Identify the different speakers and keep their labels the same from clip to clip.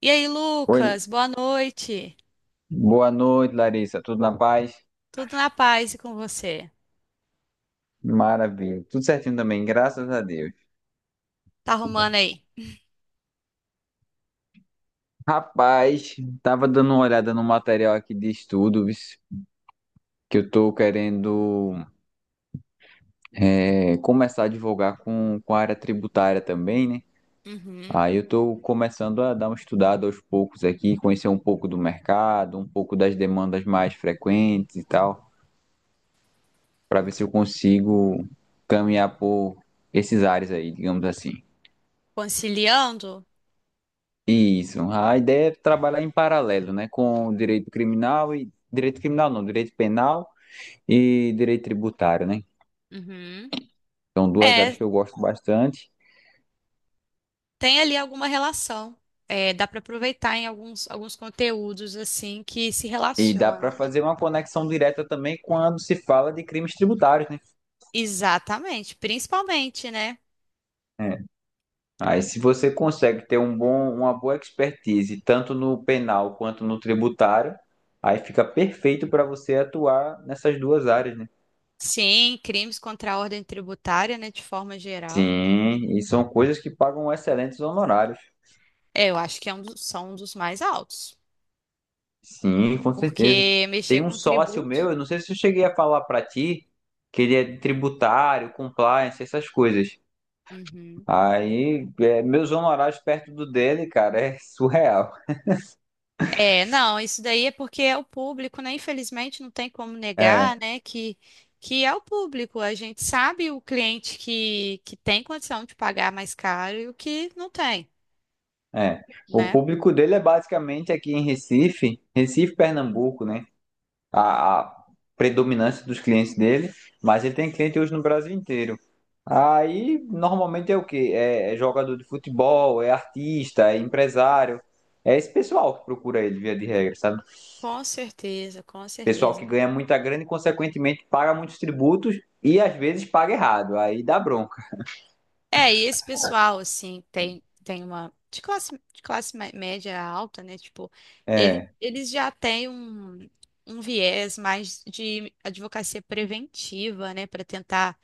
Speaker 1: E aí,
Speaker 2: Oi,
Speaker 1: Lucas, boa noite.
Speaker 2: boa noite, Larissa. Tudo na paz?
Speaker 1: Tudo na paz e com você?
Speaker 2: Maravilha. Tudo certinho também, graças a Deus.
Speaker 1: Tá arrumando aí?
Speaker 2: Rapaz, tava dando uma olhada no material aqui de estudos que eu tô querendo começar a divulgar com a área tributária também, né?
Speaker 1: Uhum.
Speaker 2: Aí eu tô começando a dar uma estudada aos poucos aqui, conhecer um pouco do mercado, um pouco das demandas mais frequentes e tal, para ver se eu consigo caminhar por esses áreas aí, digamos assim.
Speaker 1: Conciliando?
Speaker 2: Isso. A ideia é trabalhar em paralelo, né, com o direito criminal e direito criminal não, direito penal e direito tributário, né?
Speaker 1: Uhum.
Speaker 2: São duas áreas
Speaker 1: É,
Speaker 2: que eu gosto bastante
Speaker 1: tem ali alguma relação. É, dá para aproveitar em alguns, alguns conteúdos assim que se
Speaker 2: e dá para
Speaker 1: relacionam.
Speaker 2: fazer uma conexão direta também quando se fala de crimes tributários, né?
Speaker 1: Exatamente, principalmente, né?
Speaker 2: É. Aí, se você consegue ter um bom, uma boa expertise tanto no penal quanto no tributário, aí fica perfeito para você atuar nessas duas áreas, né?
Speaker 1: Sim, crimes contra a ordem tributária, né, de forma geral.
Speaker 2: Sim, e são coisas que pagam excelentes honorários.
Speaker 1: É, eu acho que é um dos- são um dos mais altos,
Speaker 2: Sim, com certeza.
Speaker 1: porque mexer
Speaker 2: Tem um
Speaker 1: com
Speaker 2: sócio
Speaker 1: tributos.
Speaker 2: meu, eu não sei se eu cheguei a falar pra ti, que ele é tributário, compliance, essas coisas. Meus honorários perto do dele, cara, é surreal.
Speaker 1: É, não, isso daí é porque é o público, né? Infelizmente não tem como
Speaker 2: É,
Speaker 1: negar, né? Que é o público. A gente sabe o cliente que tem condição de pagar mais caro e o que não tem,
Speaker 2: é. O
Speaker 1: né?
Speaker 2: público dele é basicamente aqui em Recife, Recife, Pernambuco, né? a predominância dos clientes dele, mas ele tem cliente hoje no Brasil inteiro. Aí normalmente é o quê? É, é jogador de futebol, é artista, é empresário. É esse pessoal que procura ele, via de regra, sabe?
Speaker 1: Com certeza, com
Speaker 2: Pessoal
Speaker 1: certeza.
Speaker 2: que ganha muita grana e, consequentemente, paga muitos tributos e às vezes paga errado. Aí dá bronca.
Speaker 1: É, e esse pessoal, assim, tem, tem uma. De classe mé- média alta, né? Tipo, ele,
Speaker 2: É.
Speaker 1: eles já têm um, um viés mais de advocacia preventiva, né? Para tentar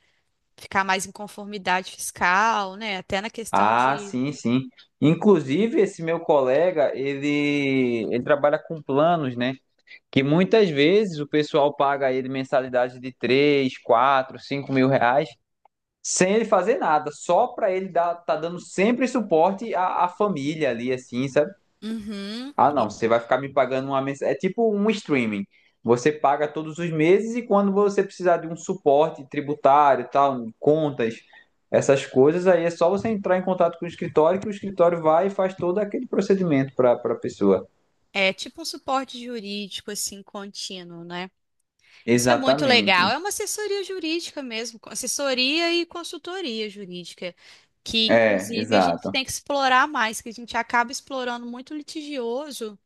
Speaker 1: ficar mais em conformidade fiscal, né? Até na questão
Speaker 2: Ah,
Speaker 1: de.
Speaker 2: sim, sim. Inclusive, esse meu colega, ele trabalha com planos, né? Que muitas vezes o pessoal paga ele mensalidade de 3, 4, 5 mil reais, sem ele fazer nada, só para ele dar, tá dando sempre suporte à família ali, assim, sabe?
Speaker 1: Uhum.
Speaker 2: Ah,
Speaker 1: E
Speaker 2: não, você vai ficar me pagando uma mensalidade. É tipo um streaming. Você paga todos os meses e quando você precisar de um suporte tributário, tal, um contas, essas coisas, aí é só você entrar em contato com o escritório que o escritório vai e faz todo aquele procedimento para a pessoa.
Speaker 1: é tipo um suporte jurídico, assim, contínuo, né? Isso é muito
Speaker 2: Exatamente.
Speaker 1: legal. É uma assessoria jurídica mesmo, co- assessoria e consultoria jurídica, que
Speaker 2: É,
Speaker 1: inclusive a gente
Speaker 2: exato.
Speaker 1: tem que explorar mais, que a gente acaba explorando muito litigioso.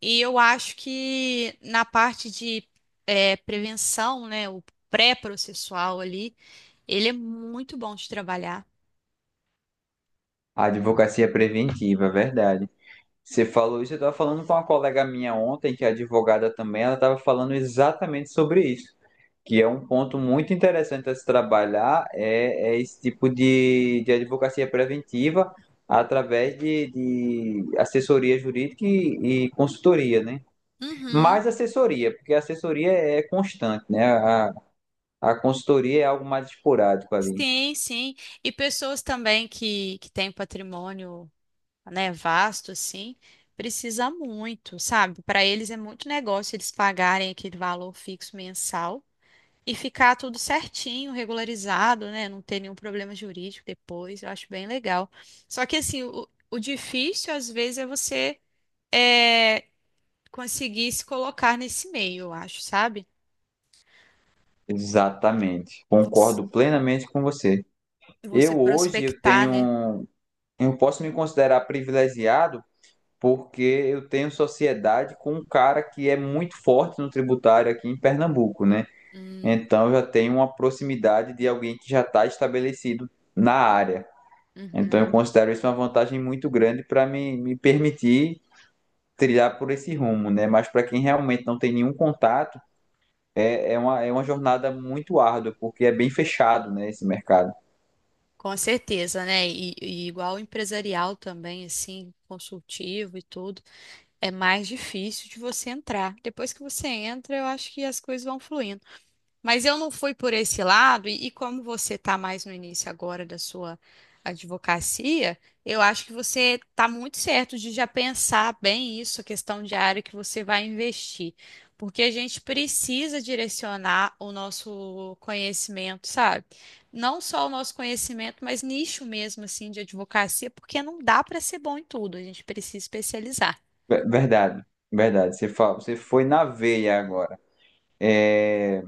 Speaker 1: E eu acho que na parte de prevenção, né, o pré-processual ali, ele é muito bom de trabalhar.
Speaker 2: A advocacia preventiva, verdade. Você falou isso, eu estava falando com uma colega minha ontem, que é advogada também, ela estava falando exatamente sobre isso, que é um ponto muito interessante a se trabalhar, é esse tipo de advocacia preventiva através de assessoria jurídica e consultoria, né?
Speaker 1: Uhum.
Speaker 2: Mais assessoria, porque a assessoria é constante, né? A consultoria é algo mais esporádico ali.
Speaker 1: Sim, sim. E pessoas também que têm patrimônio, né, vasto, assim, precisa muito, sabe? Para eles é muito negócio eles pagarem aquele valor fixo mensal e ficar tudo certinho, regularizado, né? Não ter nenhum problema jurídico depois. Eu acho bem legal. Só que, assim, o difícil, às vezes, é você é, conseguir se colocar nesse meio, eu acho, sabe?
Speaker 2: Exatamente.
Speaker 1: Você,
Speaker 2: Concordo plenamente com você.
Speaker 1: você
Speaker 2: Eu hoje eu
Speaker 1: prospectar, né?
Speaker 2: tenho, eu posso me considerar privilegiado porque eu tenho sociedade com um cara que é muito forte no tributário aqui em Pernambuco, né? Então eu já tenho uma proximidade de alguém que já está estabelecido na área. Então
Speaker 1: Uhum.
Speaker 2: eu considero isso uma vantagem muito grande para me permitir trilhar por esse rumo, né? Mas para quem realmente não tem nenhum contato, é uma jornada muito árdua, porque é bem fechado, né, esse mercado.
Speaker 1: Com certeza, né? E igual empresarial também, assim, consultivo e tudo, é mais difícil de você entrar. Depois que você entra, eu acho que as coisas vão fluindo. Mas eu não fui por esse lado, e como você está mais no início agora da sua advocacia, eu acho que você está muito certo de já pensar bem isso, a questão de área que você vai investir. Porque a gente precisa direcionar o nosso conhecimento, sabe? Não só o nosso conhecimento, mas nicho mesmo assim de advocacia, porque não dá para ser bom em tudo, a gente precisa especializar.
Speaker 2: Ver- Verdade, verdade. Você foi na veia agora. é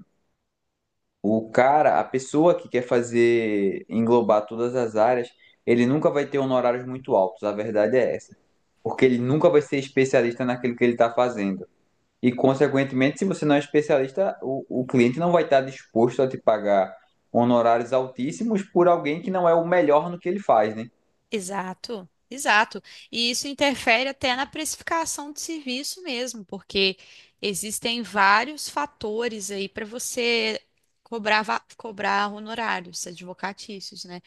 Speaker 2: O cara, a pessoa que quer fazer englobar todas as áreas, ele nunca vai ter honorários muito altos, a verdade é essa. Porque ele nunca vai ser especialista naquilo que ele está fazendo. E, consequentemente, se você não é especialista, o cliente não vai estar disposto a te pagar honorários altíssimos por alguém que não é o melhor no que ele faz, né?
Speaker 1: Exato, exato. E isso interfere até na precificação de serviço mesmo, porque existem vários fatores aí para você cobrar, va- cobrar honorários advocatícios, né?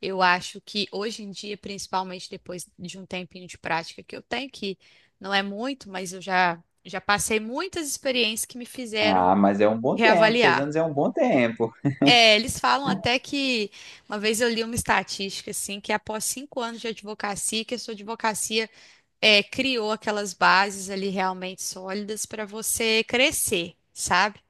Speaker 1: Eu acho que hoje em dia, principalmente depois de um tempinho de prática que eu tenho, que não é muito, mas eu já, já passei muitas experiências que me fizeram
Speaker 2: Ah, mas é um bom tempo, seis
Speaker 1: reavaliar.
Speaker 2: anos é um bom tempo.
Speaker 1: É, eles falam até que uma vez eu li uma estatística assim que após cinco anos de advocacia, que a sua advocacia criou aquelas bases ali realmente sólidas para você crescer, sabe?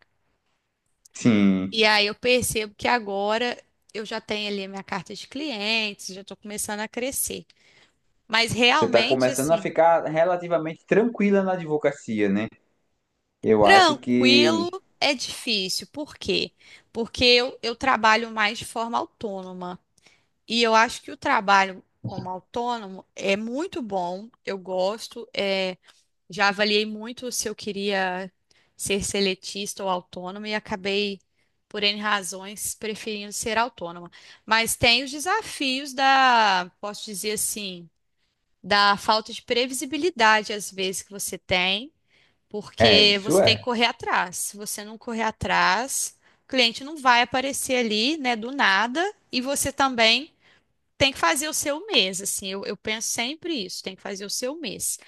Speaker 1: E
Speaker 2: Sim.
Speaker 1: aí eu percebo que agora eu já tenho ali a minha carta de clientes, já estou começando a crescer. Mas
Speaker 2: Você está
Speaker 1: realmente
Speaker 2: começando a
Speaker 1: assim,
Speaker 2: ficar relativamente tranquila na advocacia, né? Eu acho que
Speaker 1: tranquilo é difícil. Por quê? Porque eu trabalho mais de forma autônoma. E eu acho que o trabalho como autônomo é muito bom, eu gosto. Já avaliei muito se eu queria ser seletista ou autônoma e acabei, por N razões, preferindo ser autônoma. Mas tem os desafios da, posso dizer assim, da falta de previsibilidade às vezes que você tem, porque
Speaker 2: isso
Speaker 1: você tem que
Speaker 2: é.
Speaker 1: correr atrás. Se você não correr atrás, o cliente não vai aparecer ali, né, do nada, e você também. Tem que fazer o seu mês, assim, eu penso sempre isso, tem que fazer o seu mês.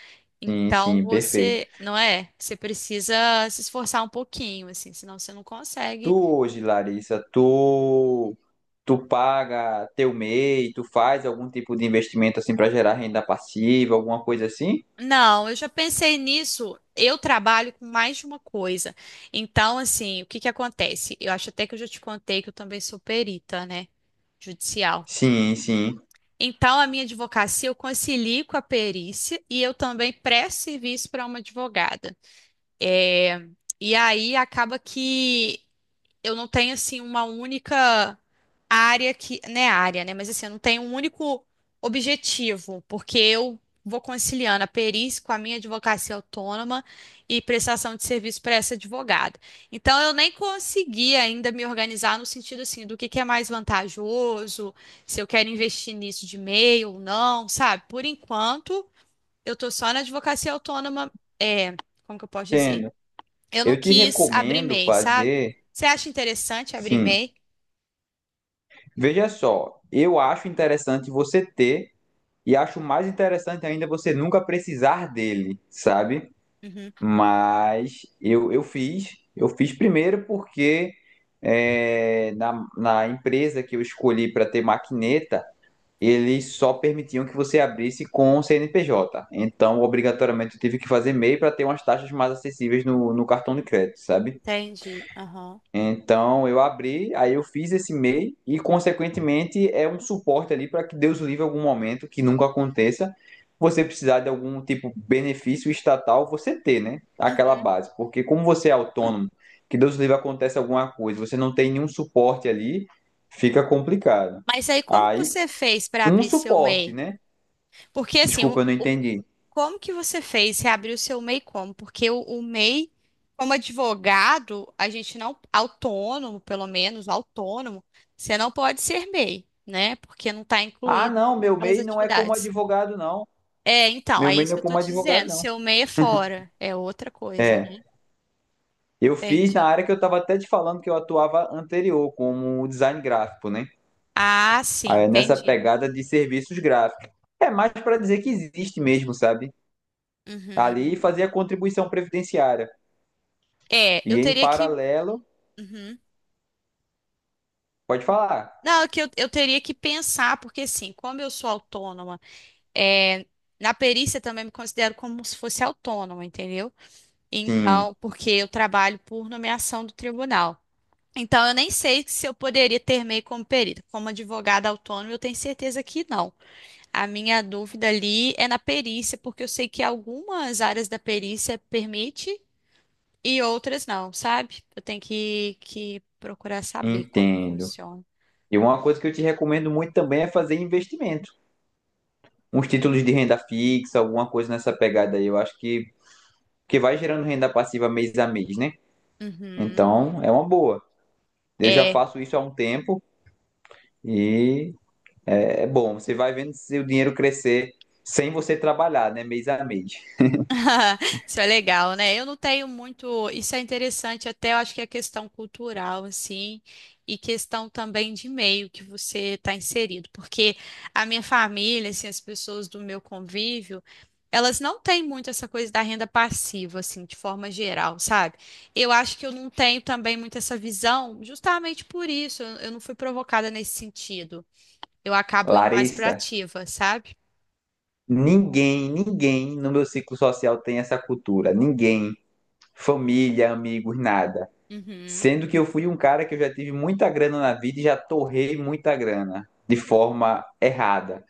Speaker 2: Sim,
Speaker 1: Então
Speaker 2: sim, perfeito.
Speaker 1: você, não é? Você precisa se esforçar um pouquinho, assim, senão você não
Speaker 2: Tu
Speaker 1: consegue.
Speaker 2: hoje, Larissa, tu paga teu MEI, tu faz algum tipo de investimento assim para gerar renda passiva, alguma coisa assim?
Speaker 1: Não, eu já pensei nisso. Eu trabalho com mais de uma coisa. Então, assim, o que que acontece? Eu acho até que eu já te contei que eu também sou perita, né? Judicial.
Speaker 2: Sim, sim,
Speaker 1: Então, a minha advocacia eu concilio com a perícia e eu também presto serviço para uma advogada. É, e aí acaba que eu não tenho assim uma única área que, né, área, né, mas assim, eu não tenho um único objetivo, porque eu vou conciliando a perícia com a minha advocacia autônoma e prestação de serviço para essa advogada. Então eu nem consegui ainda me organizar no sentido assim do que é mais vantajoso, se eu quero investir nisso de meio ou não, sabe? Por enquanto, eu tô só na advocacia autônoma, é, como que eu posso dizer?
Speaker 2: entendo.
Speaker 1: Eu não
Speaker 2: Eu te
Speaker 1: quis abrir
Speaker 2: recomendo
Speaker 1: MEI, sabe?
Speaker 2: fazer,
Speaker 1: Você acha interessante abrir
Speaker 2: sim.
Speaker 1: MEI?
Speaker 2: Veja só, eu acho interessante você ter e acho mais interessante ainda você nunca precisar dele, sabe?
Speaker 1: Uhum,
Speaker 2: Mas eu fiz primeiro porque na empresa que eu escolhi para ter maquineta, eles só permitiam que você abrisse com CNPJ. Então, obrigatoriamente, eu tive que fazer MEI para ter umas taxas mais acessíveis no cartão de crédito, sabe?
Speaker 1: entendi. Aham.
Speaker 2: Então eu abri, aí eu fiz esse MEI e, consequentemente, é um suporte ali para que Deus livre algum momento que nunca aconteça. Você precisar de algum tipo de benefício estatal, você ter, né? Aquela base. Porque como você é autônomo, que Deus livre acontece alguma coisa, você não tem nenhum suporte ali, fica complicado.
Speaker 1: Mas aí como que
Speaker 2: Aí,
Speaker 1: você fez para
Speaker 2: um
Speaker 1: abrir seu
Speaker 2: suporte,
Speaker 1: MEI?
Speaker 2: né?
Speaker 1: Porque assim,
Speaker 2: Desculpa, eu não
Speaker 1: o-
Speaker 2: entendi.
Speaker 1: como que você fez? Você abriu seu MEI como? Porque o MEI, como advogado, a gente não, autônomo, pelo menos, autônomo, você não pode ser MEI, né? Porque não está
Speaker 2: Ah,
Speaker 1: incluído
Speaker 2: não, meu
Speaker 1: aquelas
Speaker 2: MEI não é como
Speaker 1: atividades.
Speaker 2: advogado, não.
Speaker 1: É, então,
Speaker 2: Meu
Speaker 1: é
Speaker 2: MEI
Speaker 1: isso
Speaker 2: não
Speaker 1: que
Speaker 2: é
Speaker 1: eu tô
Speaker 2: como
Speaker 1: te
Speaker 2: advogado,
Speaker 1: dizendo.
Speaker 2: não.
Speaker 1: Seu MEI é fora, é outra coisa, né?
Speaker 2: É. Eu fiz na
Speaker 1: Entendi.
Speaker 2: área que eu estava até te falando que eu atuava anterior, como design gráfico, né?
Speaker 1: Ah, sim,
Speaker 2: Aí, nessa
Speaker 1: entendi.
Speaker 2: pegada de serviços gráficos. É mais para dizer que existe mesmo, sabe? Ali
Speaker 1: Uhum.
Speaker 2: fazia contribuição previdenciária.
Speaker 1: É, eu
Speaker 2: E em
Speaker 1: teria que.
Speaker 2: paralelo,
Speaker 1: Uhum.
Speaker 2: pode falar.
Speaker 1: Não, é que eu teria que pensar, porque assim, como eu sou autônoma, é, na perícia também me considero como se fosse autônoma, entendeu?
Speaker 2: Sim,
Speaker 1: Então, porque eu trabalho por nomeação do tribunal. Então, eu nem sei se eu poderia ter meio como perito. Como advogada autônoma, eu tenho certeza que não. A minha dúvida ali é na perícia, porque eu sei que algumas áreas da perícia permite e outras não, sabe? Eu tenho que procurar saber como
Speaker 2: entendo.
Speaker 1: funciona.
Speaker 2: E uma coisa que eu te recomendo muito também é fazer investimento. Uns títulos de renda fixa, alguma coisa nessa pegada aí. Eu acho que vai gerando renda passiva mês a mês, né?
Speaker 1: Uhum.
Speaker 2: Então, é uma boa. Eu já
Speaker 1: É,
Speaker 2: faço isso há um tempo. E É bom, você vai vendo seu dinheiro crescer sem você trabalhar, né? Mês a mês.
Speaker 1: isso é legal, né? Eu não tenho muito. Isso é interessante, até eu acho que é questão cultural, assim, e questão também de meio que você está inserido, porque a minha família, assim, as pessoas do meu convívio, elas não têm muito essa coisa da renda passiva, assim, de forma geral, sabe? Eu acho que eu não tenho também muito essa visão, justamente por isso, eu não fui provocada nesse sentido. Eu acabo indo mais para
Speaker 2: Larissa,
Speaker 1: ativa, sabe?
Speaker 2: ninguém no meu ciclo social tem essa cultura. Ninguém. Família, amigos, nada.
Speaker 1: Uhum.
Speaker 2: Sendo que eu fui um cara que eu já tive muita grana na vida e já torrei muita grana de forma errada.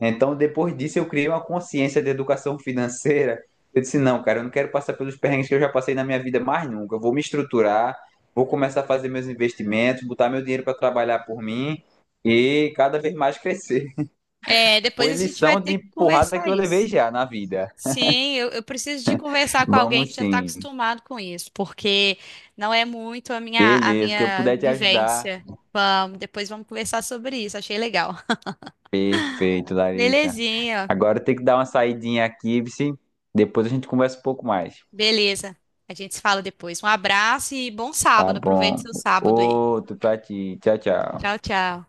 Speaker 2: Então, depois disso, eu criei uma consciência de educação financeira. Eu disse, não, cara, eu não quero passar pelos perrengues que eu já passei na minha vida mais nunca. Eu vou me estruturar, vou começar a fazer meus investimentos, botar meu dinheiro para trabalhar por mim e cada vez mais crescer.
Speaker 1: É, depois
Speaker 2: Foi
Speaker 1: a gente vai
Speaker 2: lição
Speaker 1: ter
Speaker 2: de
Speaker 1: que
Speaker 2: porrada que
Speaker 1: conversar
Speaker 2: eu levei
Speaker 1: isso.
Speaker 2: já na vida.
Speaker 1: Sim, eu preciso de conversar com alguém que
Speaker 2: Vamos
Speaker 1: já está
Speaker 2: sim.
Speaker 1: acostumado com isso, porque não é muito a
Speaker 2: Beleza, o que eu
Speaker 1: minha
Speaker 2: puder te ajudar.
Speaker 1: vivência. Vamos, depois vamos conversar sobre isso, achei legal.
Speaker 2: Perfeito, Larissa.
Speaker 1: Belezinha,
Speaker 2: Agora eu tenho que dar uma saidinha aqui, vice. Depois a gente conversa um pouco mais.
Speaker 1: beleza. A gente se fala depois. Um abraço e bom
Speaker 2: Tá
Speaker 1: sábado, aproveite
Speaker 2: bom.
Speaker 1: seu sábado aí.
Speaker 2: Outro pra ti. Tchau,
Speaker 1: Tchau,
Speaker 2: tchau.
Speaker 1: tchau.